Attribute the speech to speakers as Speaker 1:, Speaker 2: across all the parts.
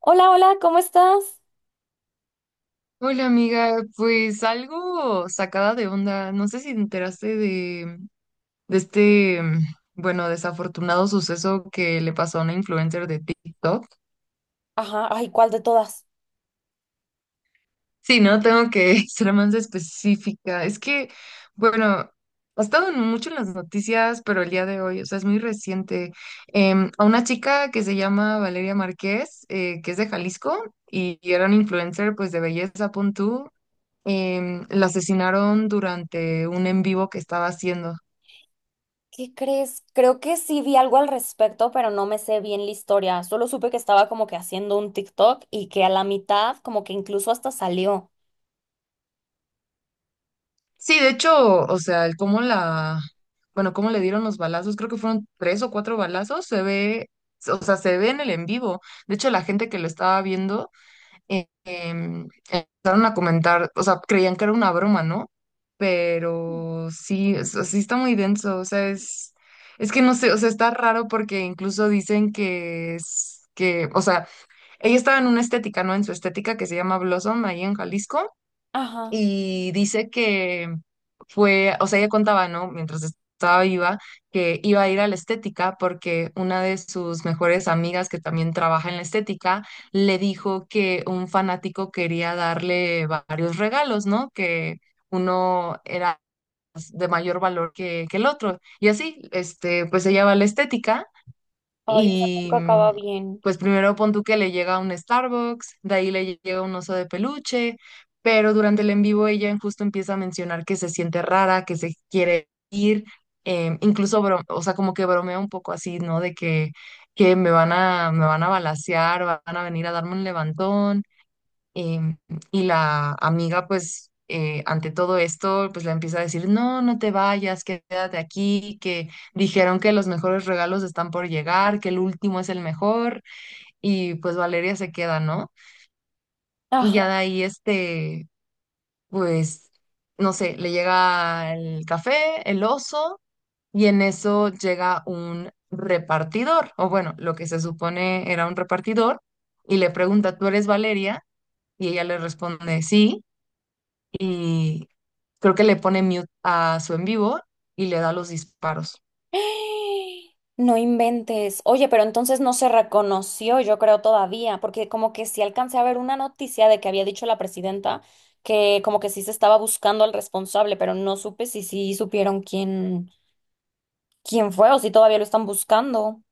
Speaker 1: Hola, hola, ¿cómo estás?
Speaker 2: Hola amiga, pues algo sacada de onda. No sé si te enteraste de este, bueno, desafortunado suceso que le pasó a una influencer de TikTok.
Speaker 1: Ajá, ay, ¿cuál de todas?
Speaker 2: Sí, ¿no? Tengo que ser más específica. Es que, bueno, ha estado mucho en las noticias, pero el día de hoy, o sea, es muy reciente. A una chica que se llama Valeria Márquez, que es de Jalisco y era una influencer pues de belleza, punto. La asesinaron durante un en vivo que estaba haciendo.
Speaker 1: ¿Qué crees? Creo que sí vi algo al respecto, pero no me sé bien la historia. Solo supe que estaba como que haciendo un TikTok y que a la mitad como que incluso hasta salió.
Speaker 2: Sí, de hecho, o sea, bueno, cómo le dieron los balazos, creo que fueron tres o cuatro balazos, o sea, se ve en el en vivo. De hecho, la gente que lo estaba viendo empezaron a comentar, o sea, creían que era una broma, ¿no? Pero sí, o sea, sí está muy denso, o sea, es que no sé, o sea, está raro porque incluso dicen que o sea, ella estaba en una estética, ¿no? En su estética que se llama Blossom, ahí en Jalisco,
Speaker 1: Ajá.
Speaker 2: y dice que o sea, ella contaba, ¿no? Mientras estaba viva, que iba a ir a la estética porque una de sus mejores amigas que también trabaja en la estética le dijo que un fanático quería darle varios regalos, ¿no? Que uno era de mayor valor que el otro. Y así, pues ella va a la estética
Speaker 1: Ay, eso
Speaker 2: y
Speaker 1: nunca acaba bien.
Speaker 2: pues primero pon tú que le llega un Starbucks, de ahí le llega un oso de peluche, pero durante el en vivo ella en justo empieza a mencionar que se siente rara, que se quiere ir, incluso, o sea, como que bromea un poco así, ¿no? De que me van a balacear, van a venir a darme un levantón. Em, y la amiga, pues, ante todo esto, pues le empieza a decir, no, no te vayas, quédate aquí, que dijeron que los mejores regalos están por llegar, que el último es el mejor, y pues Valeria se queda, ¿no? Y
Speaker 1: Ajá.
Speaker 2: ya de ahí, pues, no sé, le llega el café, el oso, y en eso llega un repartidor, o bueno, lo que se supone era un repartidor, y le pregunta, ¿tú eres Valeria? Y ella le responde, sí. Y creo que le pone mute a su en vivo y le da los disparos.
Speaker 1: No inventes. Oye, pero entonces no se reconoció, yo creo todavía, porque como que sí alcancé a ver una noticia de que había dicho la presidenta que como que sí se estaba buscando al responsable, pero no supe si sí supieron quién. Quién fue o si todavía lo están buscando.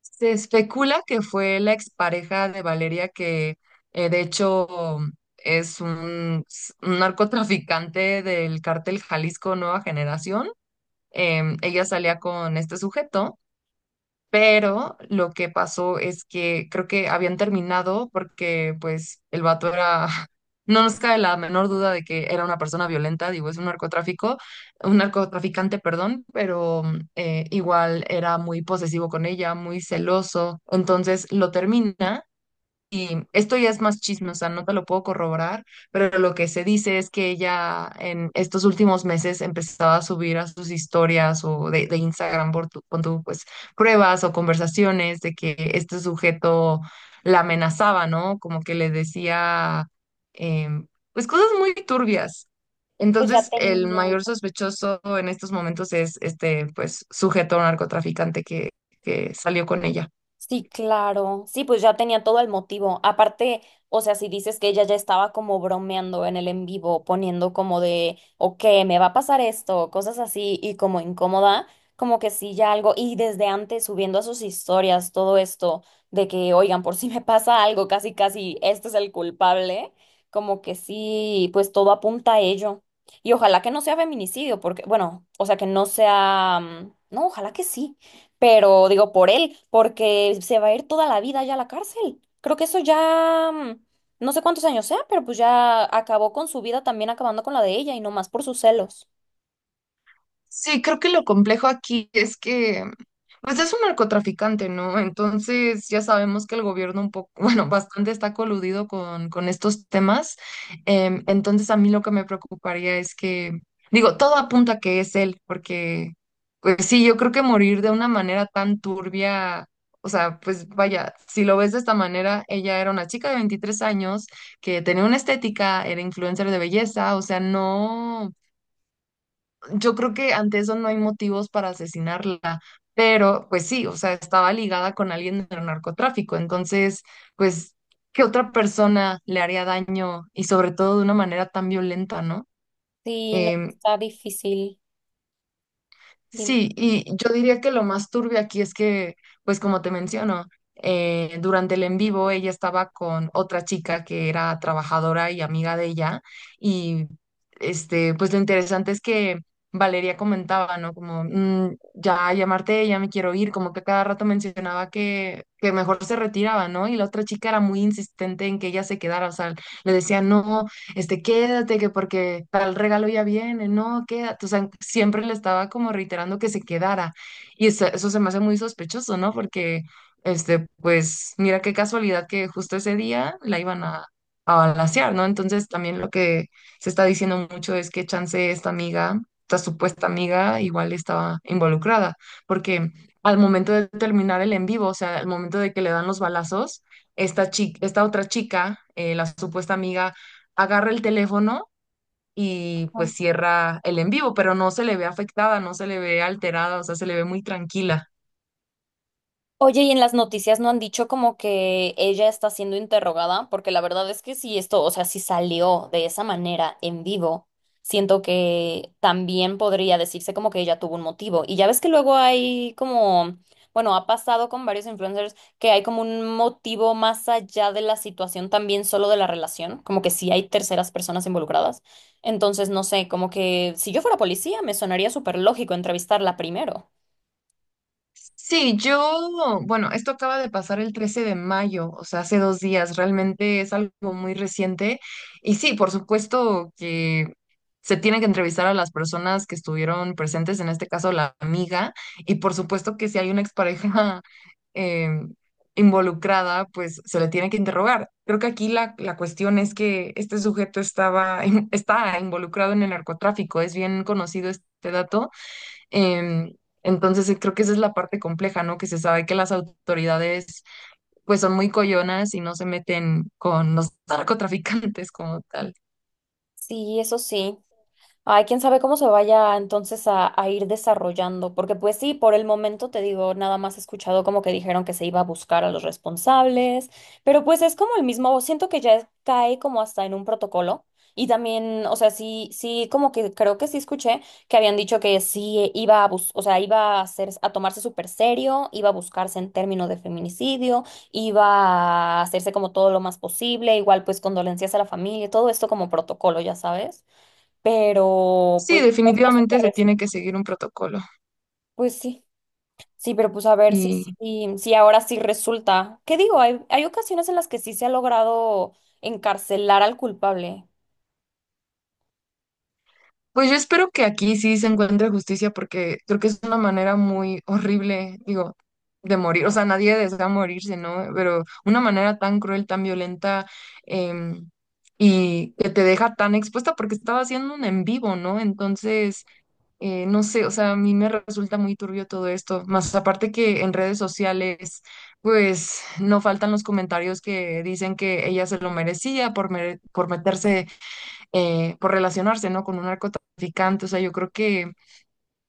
Speaker 2: Se especula que fue la expareja de Valeria que de hecho es un narcotraficante del cártel Jalisco Nueva Generación. Ella salía con este sujeto. Pero lo que pasó es que creo que habían terminado porque pues el vato era, no nos cabe la menor duda de que era una persona violenta, digo, es un narcotráfico, un narcotraficante, perdón, pero igual era muy posesivo con ella, muy celoso. Entonces lo termina, y esto ya es más chisme, o sea, no te lo puedo corroborar, pero lo que se dice es que ella en estos últimos meses empezaba a subir a sus historias o de Instagram pon tú, pues pruebas o conversaciones de que este sujeto la amenazaba, ¿no? Como que le decía, em, pues cosas muy turbias.
Speaker 1: Pues ya
Speaker 2: Entonces, el
Speaker 1: tenía.
Speaker 2: mayor sospechoso en estos momentos es este, pues, sujeto narcotraficante que salió con ella.
Speaker 1: Sí, claro. Sí, pues ya tenía todo el motivo. Aparte, o sea, si dices que ella ya estaba como bromeando en el en vivo, poniendo como de, ok, me va a pasar esto, cosas así, y como incómoda, como que sí, ya algo, y desde antes subiendo a sus historias todo esto de que, oigan, por si me pasa algo, casi, casi, este es el culpable, como que sí, pues todo apunta a ello. Y ojalá que no sea feminicidio, porque, bueno, o sea, que no sea, no, ojalá que sí, pero digo por él, porque se va a ir toda la vida ya a la cárcel. Creo que eso ya, no sé cuántos años sea, pero pues ya acabó con su vida también acabando con la de ella y no más por sus celos.
Speaker 2: Sí, creo que lo complejo aquí es que, pues es un narcotraficante, ¿no? Entonces ya sabemos que el gobierno un poco, bueno, bastante está coludido con estos temas. Entonces, a mí lo que me preocuparía es que, digo, todo apunta a que es él, porque, pues sí, yo creo que morir de una manera tan turbia, o sea, pues vaya, si lo ves de esta manera, ella era una chica de 23 años que tenía una estética, era influencer de belleza, o sea, no, yo creo que ante eso no hay motivos para asesinarla, pero pues sí, o sea, estaba ligada con alguien del narcotráfico, entonces, pues, ¿qué otra persona le haría daño y sobre todo de una manera tan violenta? ¿No?
Speaker 1: Sí, no,
Speaker 2: Em,
Speaker 1: está difícil. Dime.
Speaker 2: Sí, y yo diría que lo más turbio aquí es que, pues como te menciono, durante el en vivo ella estaba con otra chica que era trabajadora y amiga de ella, y pues lo interesante es que Valeria comentaba, ¿no? Como, "Mm, ya llamarte, ya me quiero ir", como que cada rato mencionaba que mejor se retiraba, ¿no? Y la otra chica era muy insistente en que ella se quedara, o sea, le decía, no, quédate, que porque tal regalo ya viene, no, quédate. O sea, siempre le estaba como reiterando que se quedara. Y eso se me hace muy sospechoso, ¿no? Porque, pues, mira qué casualidad que justo ese día la iban a balacear, ¿no? Entonces, también lo que se está diciendo mucho es que chance esta amiga, esta supuesta amiga, igual estaba involucrada, porque al momento de terminar el en vivo, o sea, al momento de que le dan los balazos, esta chica, esta otra chica, la supuesta amiga, agarra el teléfono y pues cierra el en vivo, pero no se le ve afectada, no se le ve alterada, o sea, se le ve muy tranquila.
Speaker 1: Oye, y en las noticias no han dicho como que ella está siendo interrogada, porque la verdad es que si esto, o sea, si salió de esa manera en vivo, siento que también podría decirse como que ella tuvo un motivo. Y ya ves que luego hay como, bueno, ha pasado con varios influencers que hay como un motivo más allá de la situación también solo de la relación, como que sí hay terceras personas involucradas. Entonces, no sé, como que si yo fuera policía, me sonaría súper lógico entrevistarla primero.
Speaker 2: Sí, yo, bueno, esto acaba de pasar el 13 de mayo, o sea, hace 2 días, realmente es algo muy reciente. Y sí, por supuesto que se tiene que entrevistar a las personas que estuvieron presentes, en este caso la amiga, y por supuesto que si hay una expareja em, involucrada, pues se le tiene que interrogar. Creo que aquí la cuestión es que este sujeto estaba, está involucrado en el narcotráfico, es bien conocido este dato. Em, entonces, creo que esa es la parte compleja, ¿no? Que se sabe que las autoridades pues son muy coyonas y no se meten con los narcotraficantes como tal.
Speaker 1: Sí, eso sí. Ay, quién sabe cómo se vaya entonces a ir desarrollando, porque pues sí, por el momento te digo, nada más he escuchado como que dijeron que se iba a buscar a los responsables, pero pues es como el mismo, siento que ya es- cae como hasta en un protocolo y también, o sea, sí, sí, como que creo que sí escuché que habían dicho que sí iba a bus, o sea, iba a hacer, a tomarse súper serio, iba a buscarse en términos de feminicidio, iba a hacerse como todo lo más posible, igual pues condolencias a la familia, todo esto como protocolo, ya sabes. Pero
Speaker 2: Sí,
Speaker 1: pues ¿cuántas se
Speaker 2: definitivamente se
Speaker 1: res-
Speaker 2: tiene que seguir un protocolo,
Speaker 1: Pues sí, sí, pero pues a ver si
Speaker 2: y
Speaker 1: sí sí, ahora sí resulta. ¿Qué digo? Hay ocasiones en las que sí se ha logrado encarcelar al culpable.
Speaker 2: pues yo espero que aquí sí se encuentre justicia porque creo que es una manera muy horrible, digo, de morir, o sea, nadie desea morirse, ¿no? Pero una manera tan cruel, tan violenta, em, y que te deja tan expuesta porque estaba haciendo un en vivo, ¿no? Entonces, no sé, o sea, a mí me resulta muy turbio todo esto, más aparte que en redes sociales, pues no faltan los comentarios que dicen que ella se lo merecía por meterse, por relacionarse, ¿no? Con un narcotraficante, o sea, yo creo que,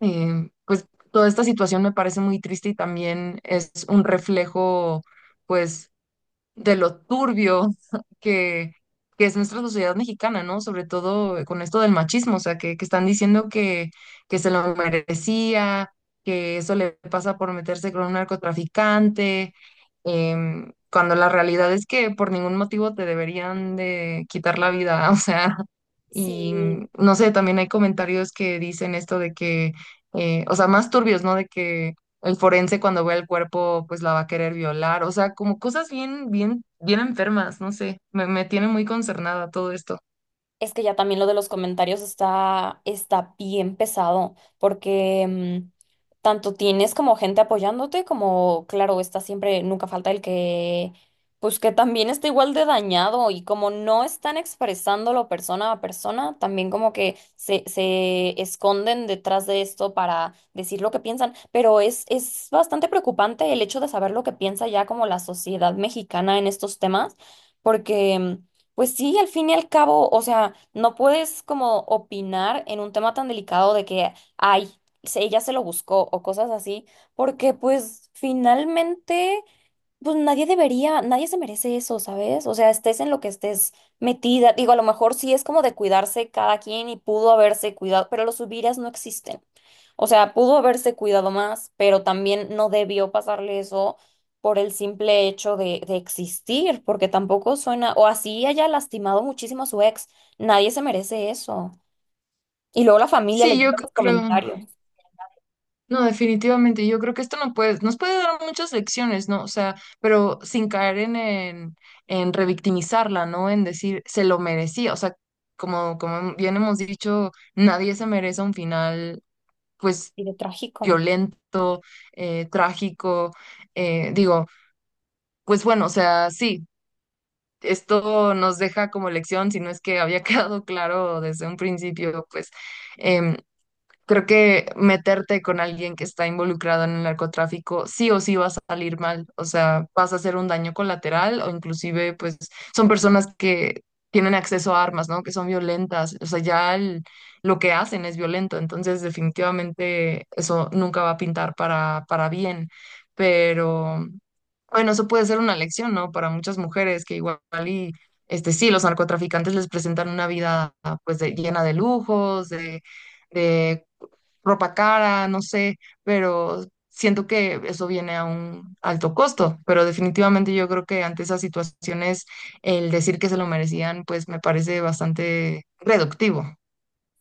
Speaker 2: pues, toda esta situación me parece muy triste y también es un reflejo, pues, de lo turbio que, que es nuestra sociedad mexicana, ¿no? Sobre todo con esto del machismo, o sea, que están diciendo que se lo merecía, que eso le pasa por meterse con un narcotraficante, cuando la realidad es que por ningún motivo te deberían de quitar la vida, o sea, y
Speaker 1: Sí.
Speaker 2: no sé, también hay comentarios que dicen esto de que, o sea, más turbios, ¿no? De que el forense cuando vea el cuerpo, pues la va a querer violar. O sea, como cosas bien, bien, bien enfermas, no sé. Me tiene muy concernada todo esto.
Speaker 1: Es que ya también lo de los comentarios está, está bien pesado, porque tanto tienes como gente apoyándote, como, claro, está siempre, nunca falta el que, pues que también está igual de dañado y como no están expresándolo persona a persona, también como que se esconden detrás de esto para decir lo que piensan, pero es bastante preocupante el hecho de saber lo que piensa ya como la sociedad mexicana en estos temas, porque pues sí, al fin y al cabo, o sea, no puedes como opinar en un tema tan delicado de que, ay, se- ella se lo buscó o cosas así, porque pues finalmente, pues nadie debería, nadie se merece eso, ¿sabes? O sea, estés en lo que estés metida, digo, a lo mejor sí es como de cuidarse cada quien y pudo haberse cuidado, pero los hubieras no existen. O sea, pudo haberse cuidado más, pero también no debió pasarle eso por el simple hecho de existir, porque tampoco suena, o así haya lastimado muchísimo a su ex, nadie se merece eso. Y luego la familia
Speaker 2: Sí, yo
Speaker 1: leyendo los
Speaker 2: creo,
Speaker 1: comentarios,
Speaker 2: no, definitivamente, yo creo que esto no puede, nos puede dar muchas lecciones, ¿no? O sea, pero sin caer en revictimizarla, ¿no? En decir, se lo merecía. O sea, como bien hemos dicho, nadie se merece un final, pues,
Speaker 1: y de trágico.
Speaker 2: violento, trágico. Digo, pues bueno, o sea, sí, esto nos deja como lección, si no es que había quedado claro desde un principio, pues, em, creo que meterte con alguien que está involucrado en el narcotráfico sí o sí va a salir mal, o sea, vas a hacer un daño colateral o inclusive pues son personas que tienen acceso a armas, ¿no? Que son violentas, o sea, ya lo que hacen es violento, entonces definitivamente eso nunca va a pintar para bien, pero bueno, eso puede ser una lección, ¿no? Para muchas mujeres que igual y, sí, los narcotraficantes les presentan una vida pues llena de lujos, de ropa cara, no sé, pero siento que eso viene a un alto costo, pero definitivamente yo creo que ante esas situaciones el decir que se lo merecían, pues me parece bastante reductivo.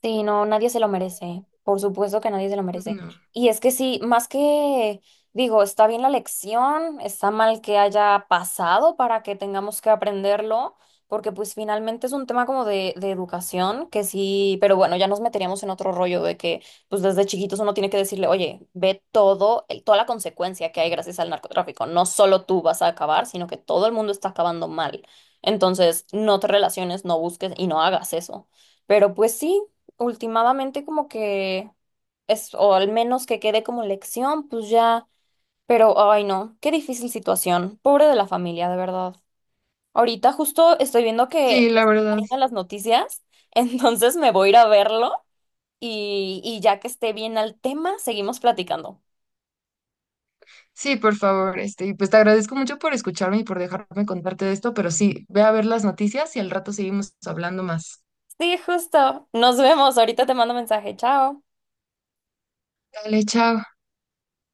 Speaker 1: Sí, no, nadie se lo merece. Por supuesto que nadie se lo merece.
Speaker 2: No.
Speaker 1: Y es que sí, más que, digo, está bien la lección, está mal que haya pasado para que tengamos que aprenderlo, porque pues finalmente es un tema como de educación, que sí, pero bueno, ya nos meteríamos en otro rollo de que pues desde chiquitos uno tiene que decirle, oye, ve todo, el- toda la consecuencia que hay gracias al narcotráfico. No solo tú vas a acabar, sino que todo el mundo está acabando mal. Entonces, no te relaciones, no busques y no hagas eso. Pero pues sí, últimamente como que es, o al menos que quede como lección, pues ya, pero ay no, qué difícil situación, pobre de la familia, de verdad. Ahorita justo estoy viendo
Speaker 2: Sí,
Speaker 1: que
Speaker 2: la
Speaker 1: están
Speaker 2: verdad.
Speaker 1: saliendo las noticias, entonces me voy a ir a verlo y ya que esté bien al tema, seguimos platicando.
Speaker 2: Sí, por favor, y pues te agradezco mucho por escucharme y por dejarme contarte de esto, pero sí, ve a ver las noticias y al rato seguimos hablando más.
Speaker 1: Sí, justo. Nos vemos. Ahorita te mando mensaje. Chao.
Speaker 2: Dale, chao.